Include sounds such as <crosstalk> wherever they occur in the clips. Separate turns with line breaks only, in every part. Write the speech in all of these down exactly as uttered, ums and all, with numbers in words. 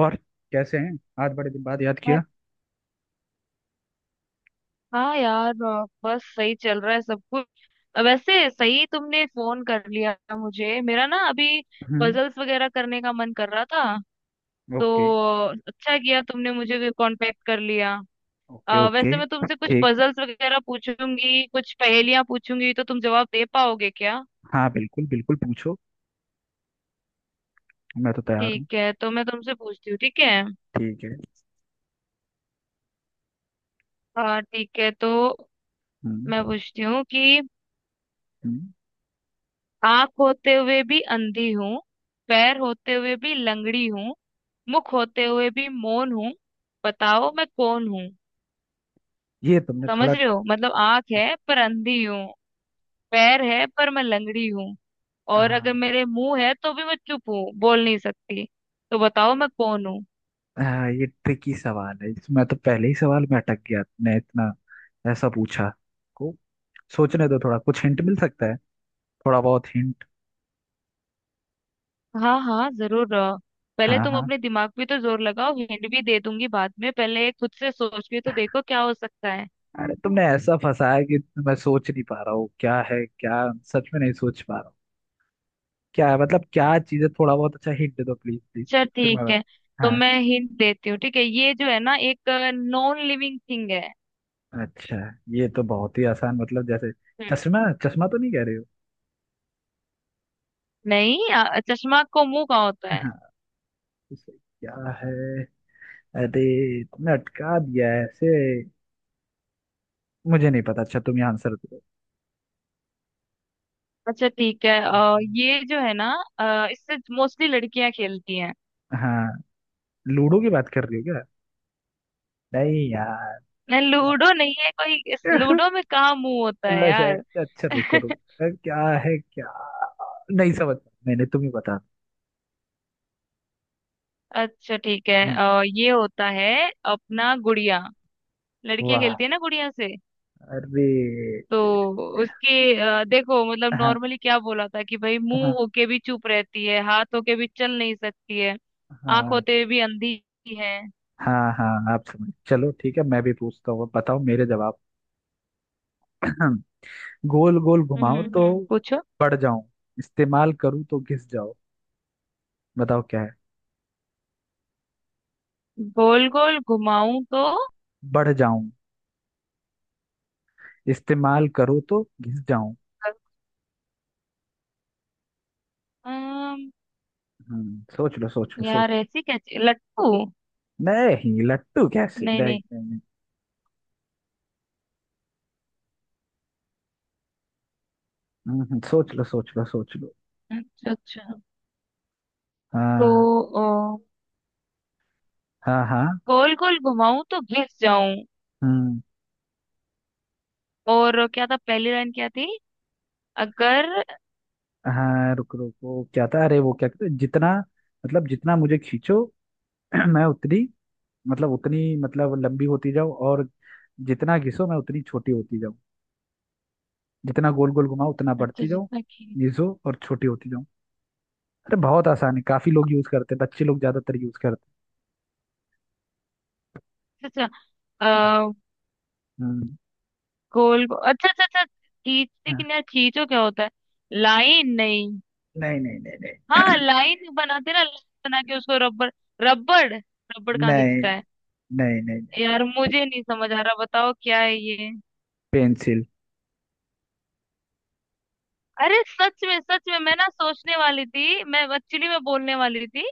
और कैसे हैं? आज बड़े दिन बाद याद
हाँ
किया।
हाँ यार, अ, बस सही चल रहा है सब कुछ। अ, वैसे सही तुमने फोन कर लिया, मुझे मेरा ना अभी
हम्म।
पजल्स वगैरह करने का मन कर रहा था,
ओके
तो अच्छा किया तुमने मुझे कांटेक्ट कर लिया।
ओके।
अ,
ओके।
वैसे मैं तुमसे कुछ
ठीक।
पजल्स वगैरह पूछूंगी, कुछ पहेलियां पूछूंगी, तो तुम जवाब दे पाओगे क्या?
हाँ, बिल्कुल बिल्कुल पूछो। मैं तो तैयार हूँ।
ठीक है, तो मैं तुमसे पूछती हूँ, ठीक है।
ठीक है।
हाँ ठीक है, तो मैं
हम्म।
पूछती हूँ कि
हम्म।
आँख होते हुए भी अंधी हूँ, पैर होते हुए भी लंगड़ी हूँ, मुख होते हुए भी मौन हूँ, बताओ मैं कौन हूँ?
ये तुमने थोड़ा।
समझ रहे हो? मतलब आंख है पर अंधी हूँ, पैर है पर मैं लंगड़ी हूँ, और अगर
हाँ।
मेरे मुंह है तो भी मैं चुप हूँ, बोल नहीं सकती। तो बताओ मैं कौन हूँ?
हाँ, ये ट्रिकी सवाल है। मैं तो पहले ही सवाल में अटक गया। तुमने इतना ऐसा पूछा को सोचने दो थोड़ा। कुछ हिंट मिल सकता है? थोड़ा बहुत हिंट।
हाँ हाँ जरूर। अ, पहले
हाँ
तुम
हाँ।
अपने दिमाग पे तो जोर लगाओ, हिंट भी दे दूंगी बाद में। पहले खुद से सोच के तो देखो क्या हो सकता है।
अरे तुमने ऐसा फंसाया कि मैं सोच नहीं पा रहा हूँ क्या है क्या। सच में नहीं सोच पा रहा हूँ। क्या है मतलब क्या चीज़ है? थोड़ा बहुत अच्छा हिंट दे दो प्लीज प्लीज।
चल
फिर मैं
ठीक है,
बता-
तो
हाँ।
मैं हिंट देती हूँ। ठीक है, ये जो है ना एक नॉन लिविंग थिंग है।
अच्छा। ये तो बहुत ही आसान। मतलब जैसे
हम्म।
चश्मा। चश्मा तो नहीं कह रहे हो?
नहीं, अ, चश्मा को मुंह कहाँ होता है?
हाँ। उसे क्या है? अरे तुमने अटका दिया है ऐसे। मुझे नहीं पता। अच्छा, तुम ही आंसर दो।
अच्छा ठीक है, अ, ये जो है ना, अ, इससे मोस्टली लड़कियां खेलती हैं।
हाँ। लूडो की बात कर रही हो क्या? नहीं यार।
नहीं,
क्या?
लूडो नहीं है कोई। इस लूडो
<laughs>
में कहाँ मुंह होता है
अच्छा
यार?
अच्छा अच्छा, रुको
<laughs>
रुको अरे, क्या है क्या? नहीं समझ। मैंने, तुम ही बता।
अच्छा ठीक है,
हम्म।
अ, ये होता है अपना गुड़िया। लड़कियां
वाह।
खेलती है ना गुड़िया से।
अरे।
तो उसके अ, देखो, मतलब
हाँ
नॉर्मली क्या बोला था कि भाई
हाँ।
मुंह होके भी चुप रहती है, हाथ होके भी चल नहीं सकती है, आंख
हाँ।
होते हुए भी अंधी है।
हाँ। हाँ, आप समझ। चलो ठीक है, मैं भी पूछता हूँ, बताओ मेरे जवाब। <clears throat> गोल गोल
हम्म
घुमाओ
हम्म।
तो हम्म
पूछो।
बढ़ जाऊं, इस्तेमाल करूँ तो घिस जाओ। बताओ क्या है।
गोल गोल घुमाऊं
बढ़ जाऊं, इस्तेमाल करो तो घिस जाऊं।
तो,
हम्म, सोच लो सोच लो सोच।
यार ऐसी कैसी लट्टू?
नहीं लट्टू कैसे?
नहीं
नहीं
नहीं।
नहीं नहीं। हम्म, सोच लो सोच लो सोच लो।
अच्छा अच्छा। तो
हाँ।
अ,
हाँ हाँ।
गोल गोल घुमाऊं तो घिस जाऊं।
हम्म।
और क्या था? पहली लाइन क्या थी? अगर।
हाँ, रुक रुक वो क्या था अरे? वो क्या कहते हैं, जितना मतलब जितना मुझे खींचो, <clears throat> मैं उतनी मतलब उतनी मतलब लंबी होती जाओ। और जितना घिसो मैं उतनी छोटी होती जाऊँ। जितना गोल गोल घुमाओ उतना
अच्छा
बढ़ती जाओ।
जितना खी
घिसो और छोटी होती जाऊँ। अरे बहुत आसान है। काफी लोग यूज करते हैं, बच्चे लोग ज्यादातर यूज करते
अच्छा अच्छा,
हैं।
अ,
हम्म।
गोल गो- अच्छा अच्छा अच्छा। खींच,
हाँ।
लेकिन यार खींचो क्या होता है? लाइन नहीं?
नहीं नहीं नहीं नहीं
हाँ लाइन बनाते ना, लाइन बना के उसको रबड़। रबड़ रबड़ कहाँ
नहीं।
खींचता है?
नहीं नहीं नहीं।
यार मुझे नहीं समझ आ रहा, बताओ क्या है ये?
पेंसिल।
अरे सच में सच में मैं ना सोचने वाली थी। मैं एक्चुअली मैं बोलने वाली थी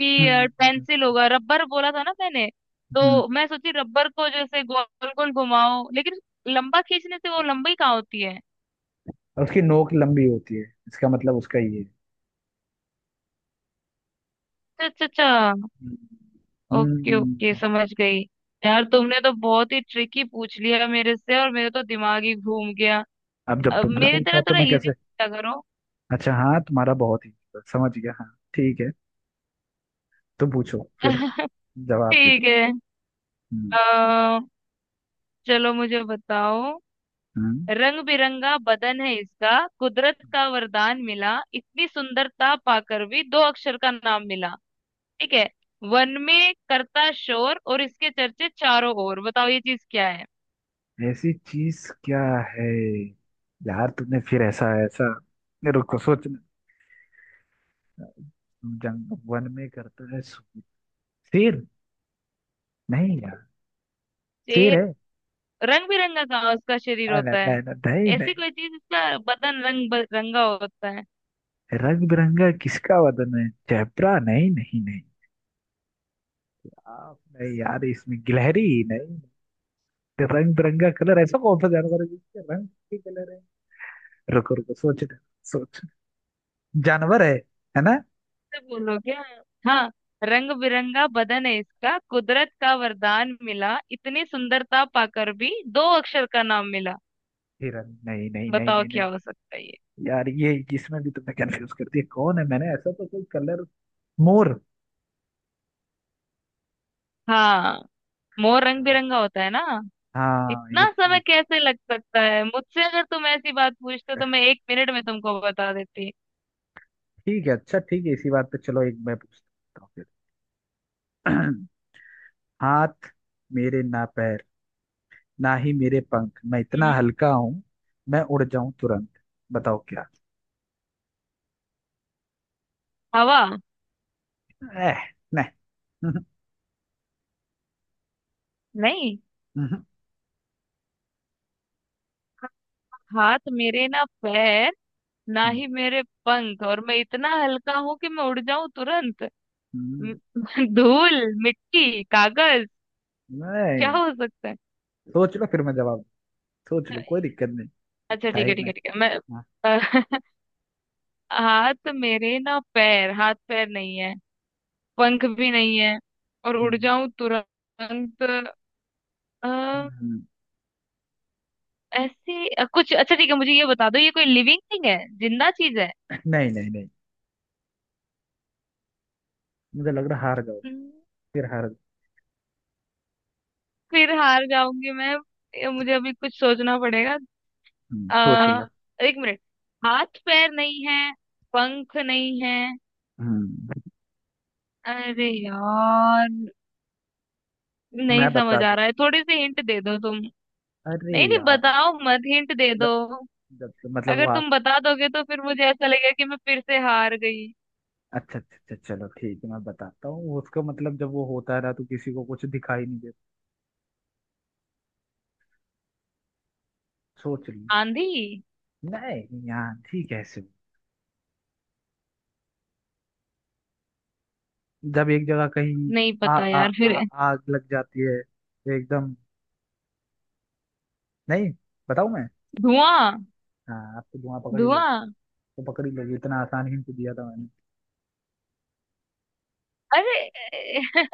कि
हम्म।
पेंसिल होगा। रबर बोला था ना मैंने,
हम्म।
तो मैं सोची रबर को जैसे गोल गोल घुमाओ, लेकिन लंबा खींचने से वो लंबी कहाँ होती है?
और उसकी नोक लंबी होती है, इसका मतलब उसका ये है।
अच्छा अच्छा अच्छा।
हम्म।
ओके ओके,
हम्म।
समझ गई। यार तुमने तो बहुत ही ट्रिकी पूछ लिया मेरे से और मेरा तो दिमाग ही घूम गया।
अब जब
अब
तुमने
मेरी तरह
पूछा तो
थोड़ा
मैं
इजी
कैसे।
पूछा करो।
अच्छा। हाँ तुम्हारा बहुत ही। समझ गया। हाँ। ठीक है, तुम पूछो फिर,
<laughs>
जवाब दे।
ठीक है।
हम्म।
अ, चलो मुझे बताओ।
हम्म।
रंग बिरंगा बदन है इसका, कुदरत का वरदान मिला, इतनी सुंदरता पाकर भी दो अक्षर का नाम मिला। ठीक है? वन में करता शोर और इसके चर्चे चारों ओर। बताओ ये चीज क्या है?
ऐसी चीज क्या है? यार तुमने फिर ऐसा ऐसा। नहीं, रुको सोचना। जंग वन में करता है सो- शेर। नहीं यार। शेर है?
शेर? रंग बिरंगा का उसका शरीर
आ, ना
होता
ना
है?
ना नहीं
ऐसी
नहीं।
कोई चीज, इसका बदन रंग बिरंगा होता है।
रंग बिरंगा किसका वदन है चैपरा? नहीं नहीं नहीं। आप नहीं यार इसमें गिलहरी। नहीं। रंग बिरंगा कलर, ऐसा कौन सा जानवर है जिसके रंग के कलर है? रुको रुको सोचना। सोच, जानवर है है ना?
तो बोलो क्या? हाँ, रंग बिरंगा बदन है इसका, कुदरत का वरदान मिला, इतनी सुंदरता पाकर भी दो अक्षर का नाम मिला।
हिरन? नहीं नहीं नहीं
बताओ
नहीं नहीं।
क्या हो सकता है ये?
यार ये इसमें भी तुमने कंफ्यूज कर दिया। कौन है? मैंने ऐसा तो कोई कलर। मोर।
हाँ। मोर रंग
हाँ।
बिरंगा होता है ना।
हाँ ये
इतना
ये-
समय कैसे लग सकता है? मुझसे अगर तुम ऐसी बात पूछते तो मैं एक मिनट में तुमको बता देती।
ठीक है, अच्छा ठीक है, इसी बात पे चलो, एक मैं पूछता हूँ फिर। <clears throat> हाथ मेरे ना पैर, ना ही मेरे पंख, मैं इतना
हम्म।
हल्का हूँ मैं उड़ जाऊं तुरंत। बताओ क्या।
हवा?
एह, नहीं। <laughs>
नहीं। हाथ मेरे ना पैर, ना ही मेरे पंख, और मैं इतना हल्का हूं कि मैं उड़ जाऊं तुरंत। म- <laughs> धूल, मिट्टी, कागज? क्या
नहीं।
हो सकता है?
सोच लो फिर मैं जवाब दूं। सोच लो, कोई दिक्कत नहीं।
अच्छा ठीक है
टाइम
ठीक
है।
है ठीक है मैं।
हाँ।
<laughs> हाथ मेरे ना पैर, हाथ पैर नहीं है, पंख भी नहीं है, और उड़
हम्म,
जाऊं तुरंत।
हम्म, हम्म।
ऐसी अ, कुछ, अच्छा ठीक है, मुझे ये बता दो, ये कोई लिविंग थिंग है, जिंदा चीज है?
नहीं नहीं नहीं। मुझे लग रहा हार जाओगे।
हम्म,
फिर हार।
फिर हार जाऊंगी मैं। ये मुझे अभी कुछ सोचना पड़ेगा।
हम्म, सोच अम,
आ,
लो।
एक मिनट। हाथ पैर नहीं है, पंख नहीं है,
हम्म।
अरे यार नहीं
मैं
समझ
बता
आ
दूं?
रहा है, थोड़ी सी हिंट दे दो तुम।
अरे
नहीं नहीं,
यार।
बताओ मत, हिंट दे
ल-
दो।
जब मतलब वो
अगर तुम
आप।
बता दोगे तो फिर मुझे ऐसा लगेगा कि मैं फिर से हार गई।
अच्छा अच्छा अच्छा चलो ठीक है मैं बताता हूँ उसको। मतलब जब वो होता रहा तो किसी को कुछ दिखाई नहीं देता। सोच ली?
आंधी?
नहीं यार। ठीक है, ऐसे जब एक जगह कहीं
नहीं
आ,
पता
आ,
यार। फिर।
आ, आग लग जाती है तो एकदम। नहीं। बताऊं मैं?
धुआं?
हाँ, आप तो धुआं पकड़ ही लोगे।
धुआं!
तो पकड़ ही लोगे, इतना आसान हिंट दिया था मैंने।
अरे! <laughs>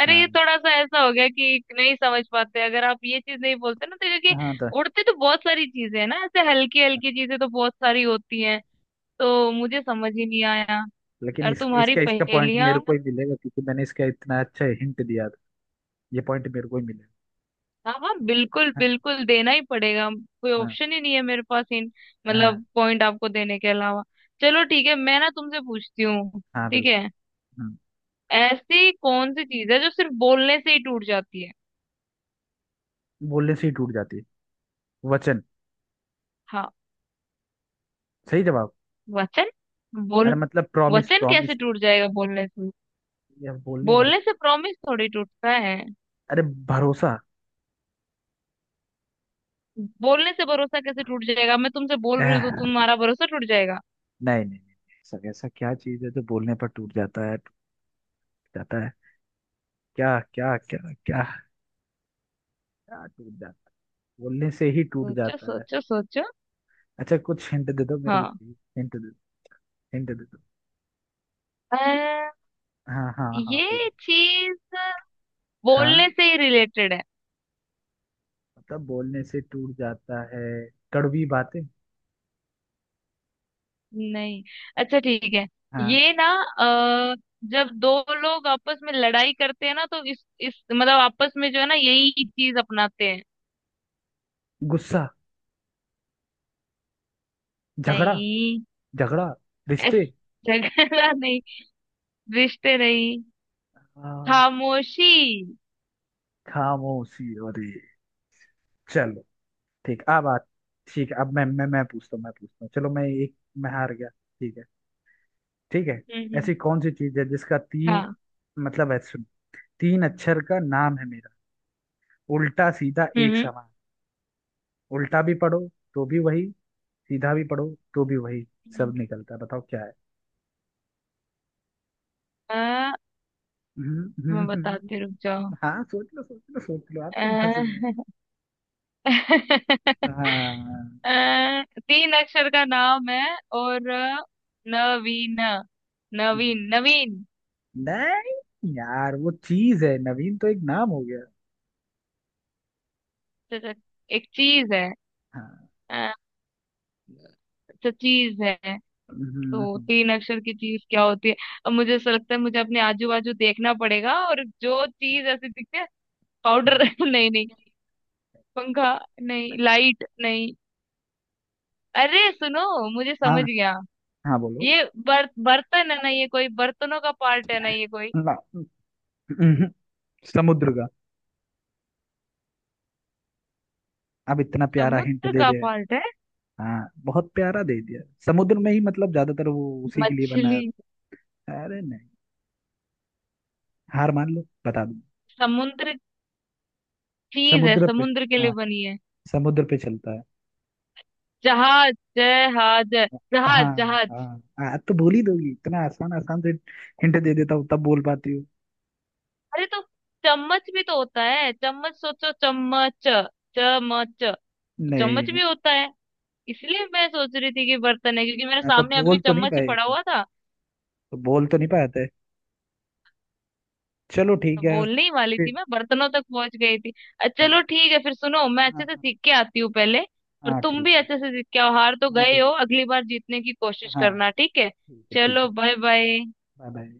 अरे, ये
हाँ।
थोड़ा सा ऐसा हो गया कि नहीं समझ पाते, अगर आप ये चीज नहीं बोलते ना, तो क्योंकि
हाँ तो।
उड़ते तो बहुत सारी चीजें हैं ना, ऐसे हल्की हल्की चीजें तो बहुत सारी होती हैं, तो मुझे समझ ही नहीं आया।
लेकिन
और
इस,
तुम्हारी
इसका इसका पॉइंट
पहेलियां।
मेरे को ही मिलेगा, क्योंकि मैंने इसका इतना अच्छा हिंट दिया था। ये पॉइंट मेरे को ही मिलेगा।
हाँ हाँ, बिल्कुल
हाँ।
बिल्कुल देना ही पड़ेगा। कोई
हाँ।
ऑप्शन ही नहीं है मेरे पास इन,
हाँ।
मतलब पॉइंट आपको देने के अलावा। चलो ठीक है, मैं ना तुमसे पूछती हूँ।
हाँ,
ठीक
बिल्कुल।
है?
हाँ।
ऐसी कौन सी चीज है जो सिर्फ बोलने से ही टूट जाती है?
बोलने से ही टूट जाती है? वचन।
हाँ,
सही जवाब।
वचन बोल,
अरे मतलब प्रॉमिस
वचन कैसे
प्रॉमिस।
टूट जाएगा बोलने से?
या बोलने भर।
बोलने से प्रॉमिस थोड़ी टूटता है।
अरे, भरोसा।
बोलने से भरोसा कैसे टूट जाएगा? मैं तुमसे बोल रही हूँ तो
एह,
तुम्हारा भरोसा टूट जाएगा।
नहीं नहीं नहीं नहीं, सर ऐसा क्या चीज है जो बोलने पर टूट जाता है? टूट जाता है क्या क्या क्या? क्या? क्या टूट जाता है बोलने से ही टूट
सोचो
जाता है?
सोचो सोचो।
अच्छा कुछ हिंट दे दो मेरे को
हाँ।
प्लीज, हिंट दे, हिंट दे दो।
अ,
हाँ हाँ हाँ प्लीज।
ये चीज
हाँ।
बोलने से ही रिलेटेड है।
मतलब बोलने से टूट जाता है। कड़वी बातें।
नहीं। अच्छा ठीक है।
हाँ।
ये ना, अ, जब दो लोग आपस में लड़ाई करते हैं ना, तो इस इस मतलब आपस में जो है ना, यही चीज अपनाते हैं।
गुस्सा, झगड़ा।
नहीं।
झगड़ा, रिश्ते।
ऐस- झगड़ा नहीं, रिश्ते नहीं,
हाँ।
खामोशी।
खामोशी? अरे। चलो। ठीक। अब आ ठीक है अब मैं मैं मैं पूछता हूँ, मैं पूछता हूँ, चलो मैं एक। मैं हार गया। ठीक है। ठीक है।
हम्म हम्म,
ऐसी कौन सी चीज है जिसका तीन
हाँ
मतलब है, सुन। तीन अक्षर का नाम है मेरा, उल्टा सीधा
हम्म
एक
हम्म।
समान। उल्टा भी पढ़ो तो भी वही, सीधा भी पढ़ो तो भी वही सब निकलता है। बताओ क्या है।
आ,
<laughs> हम्म,
मैं
हम्म,
बताती, रुक
हम्म।
जाओ।
हाँ सोच लो सोच लो सोच लो। आप तुम
आ,
फंस गए।
<laughs>
हाँ।
आ, तीन अक्षर का नाम है। और अ, नवीन। नवीन नवीन।
नहीं यार, वो चीज है। नवीन तो एक नाम हो गया।
च- च- एक चीज है।
हाँ।
आ, तो चीज है।
हम्म,
तो
हम्म,
तीन अक्षर की चीज क्या होती है? अब मुझे ऐसा लगता है मुझे अपने आजू बाजू देखना पड़ेगा, और जो चीज ऐसी दिखती है,
हम्म।
पाउडर? <laughs> नहीं नहीं। पंखा? नहीं, लाइट? नहीं। अरे सुनो, मुझे समझ
हाँ
गया।
हाँ बोलो
ये बर, बर्तन है ना? ये कोई बर्तनों का पार्ट है ना? ये कोई
ना। हम्म, हम्म। समुद्र का। अब इतना प्यारा हिंट
समुद्र
दे
का
दिया।
पार्ट है?
हाँ बहुत प्यारा दे दिया। समुद्र में ही मतलब ज्यादातर वो उसी के लिए बना
मछली?
है। अरे नहीं। हार मान लो, बता दूं?
समुद्र? चीज है
समुद्र पे।
समुद्र के लिए
हाँ।
बनी है।
समुद्र पे चलता है।
जहाज जहाज! जहाज
हाँ।
जहाज!
हाँ हाँ, तो बोल ही दोगी। इतना आसान आसान से हिंट दे देता हूँ तब बोल पाती हूँ।
अरे, तो चम्मच भी तो होता है, चम्मच सोचो, चम्मच! चम्मच तो, चम्मच
नहीं।
भी होता है। इसलिए मैं सोच रही थी कि बर्तन है, क्योंकि मेरे
हाँ, तो
सामने अभी
बोल तो नहीं
चम्मच ही
पाए
पड़ा
थे।
हुआ था।
तो बोल तो नहीं पाए थे। चलो
तो
ठीक है।
बोलने ही वाली
फिर।
थी, मैं बर्तनों तक पहुंच गई थी। अ, चलो ठीक है, फिर सुनो, मैं अच्छे
हाँ
से
हाँ।
सीख के आती हूँ पहले। और
हाँ
तुम
ठीक
भी
है।
अच्छे से सीख के आओ, हार तो
हाँ
गए हो,
बिल्कुल।
अगली बार जीतने की कोशिश
हाँ।
करना, ठीक है?
ठीक है ठीक
चलो
है।
Bye bye.
Bye bye.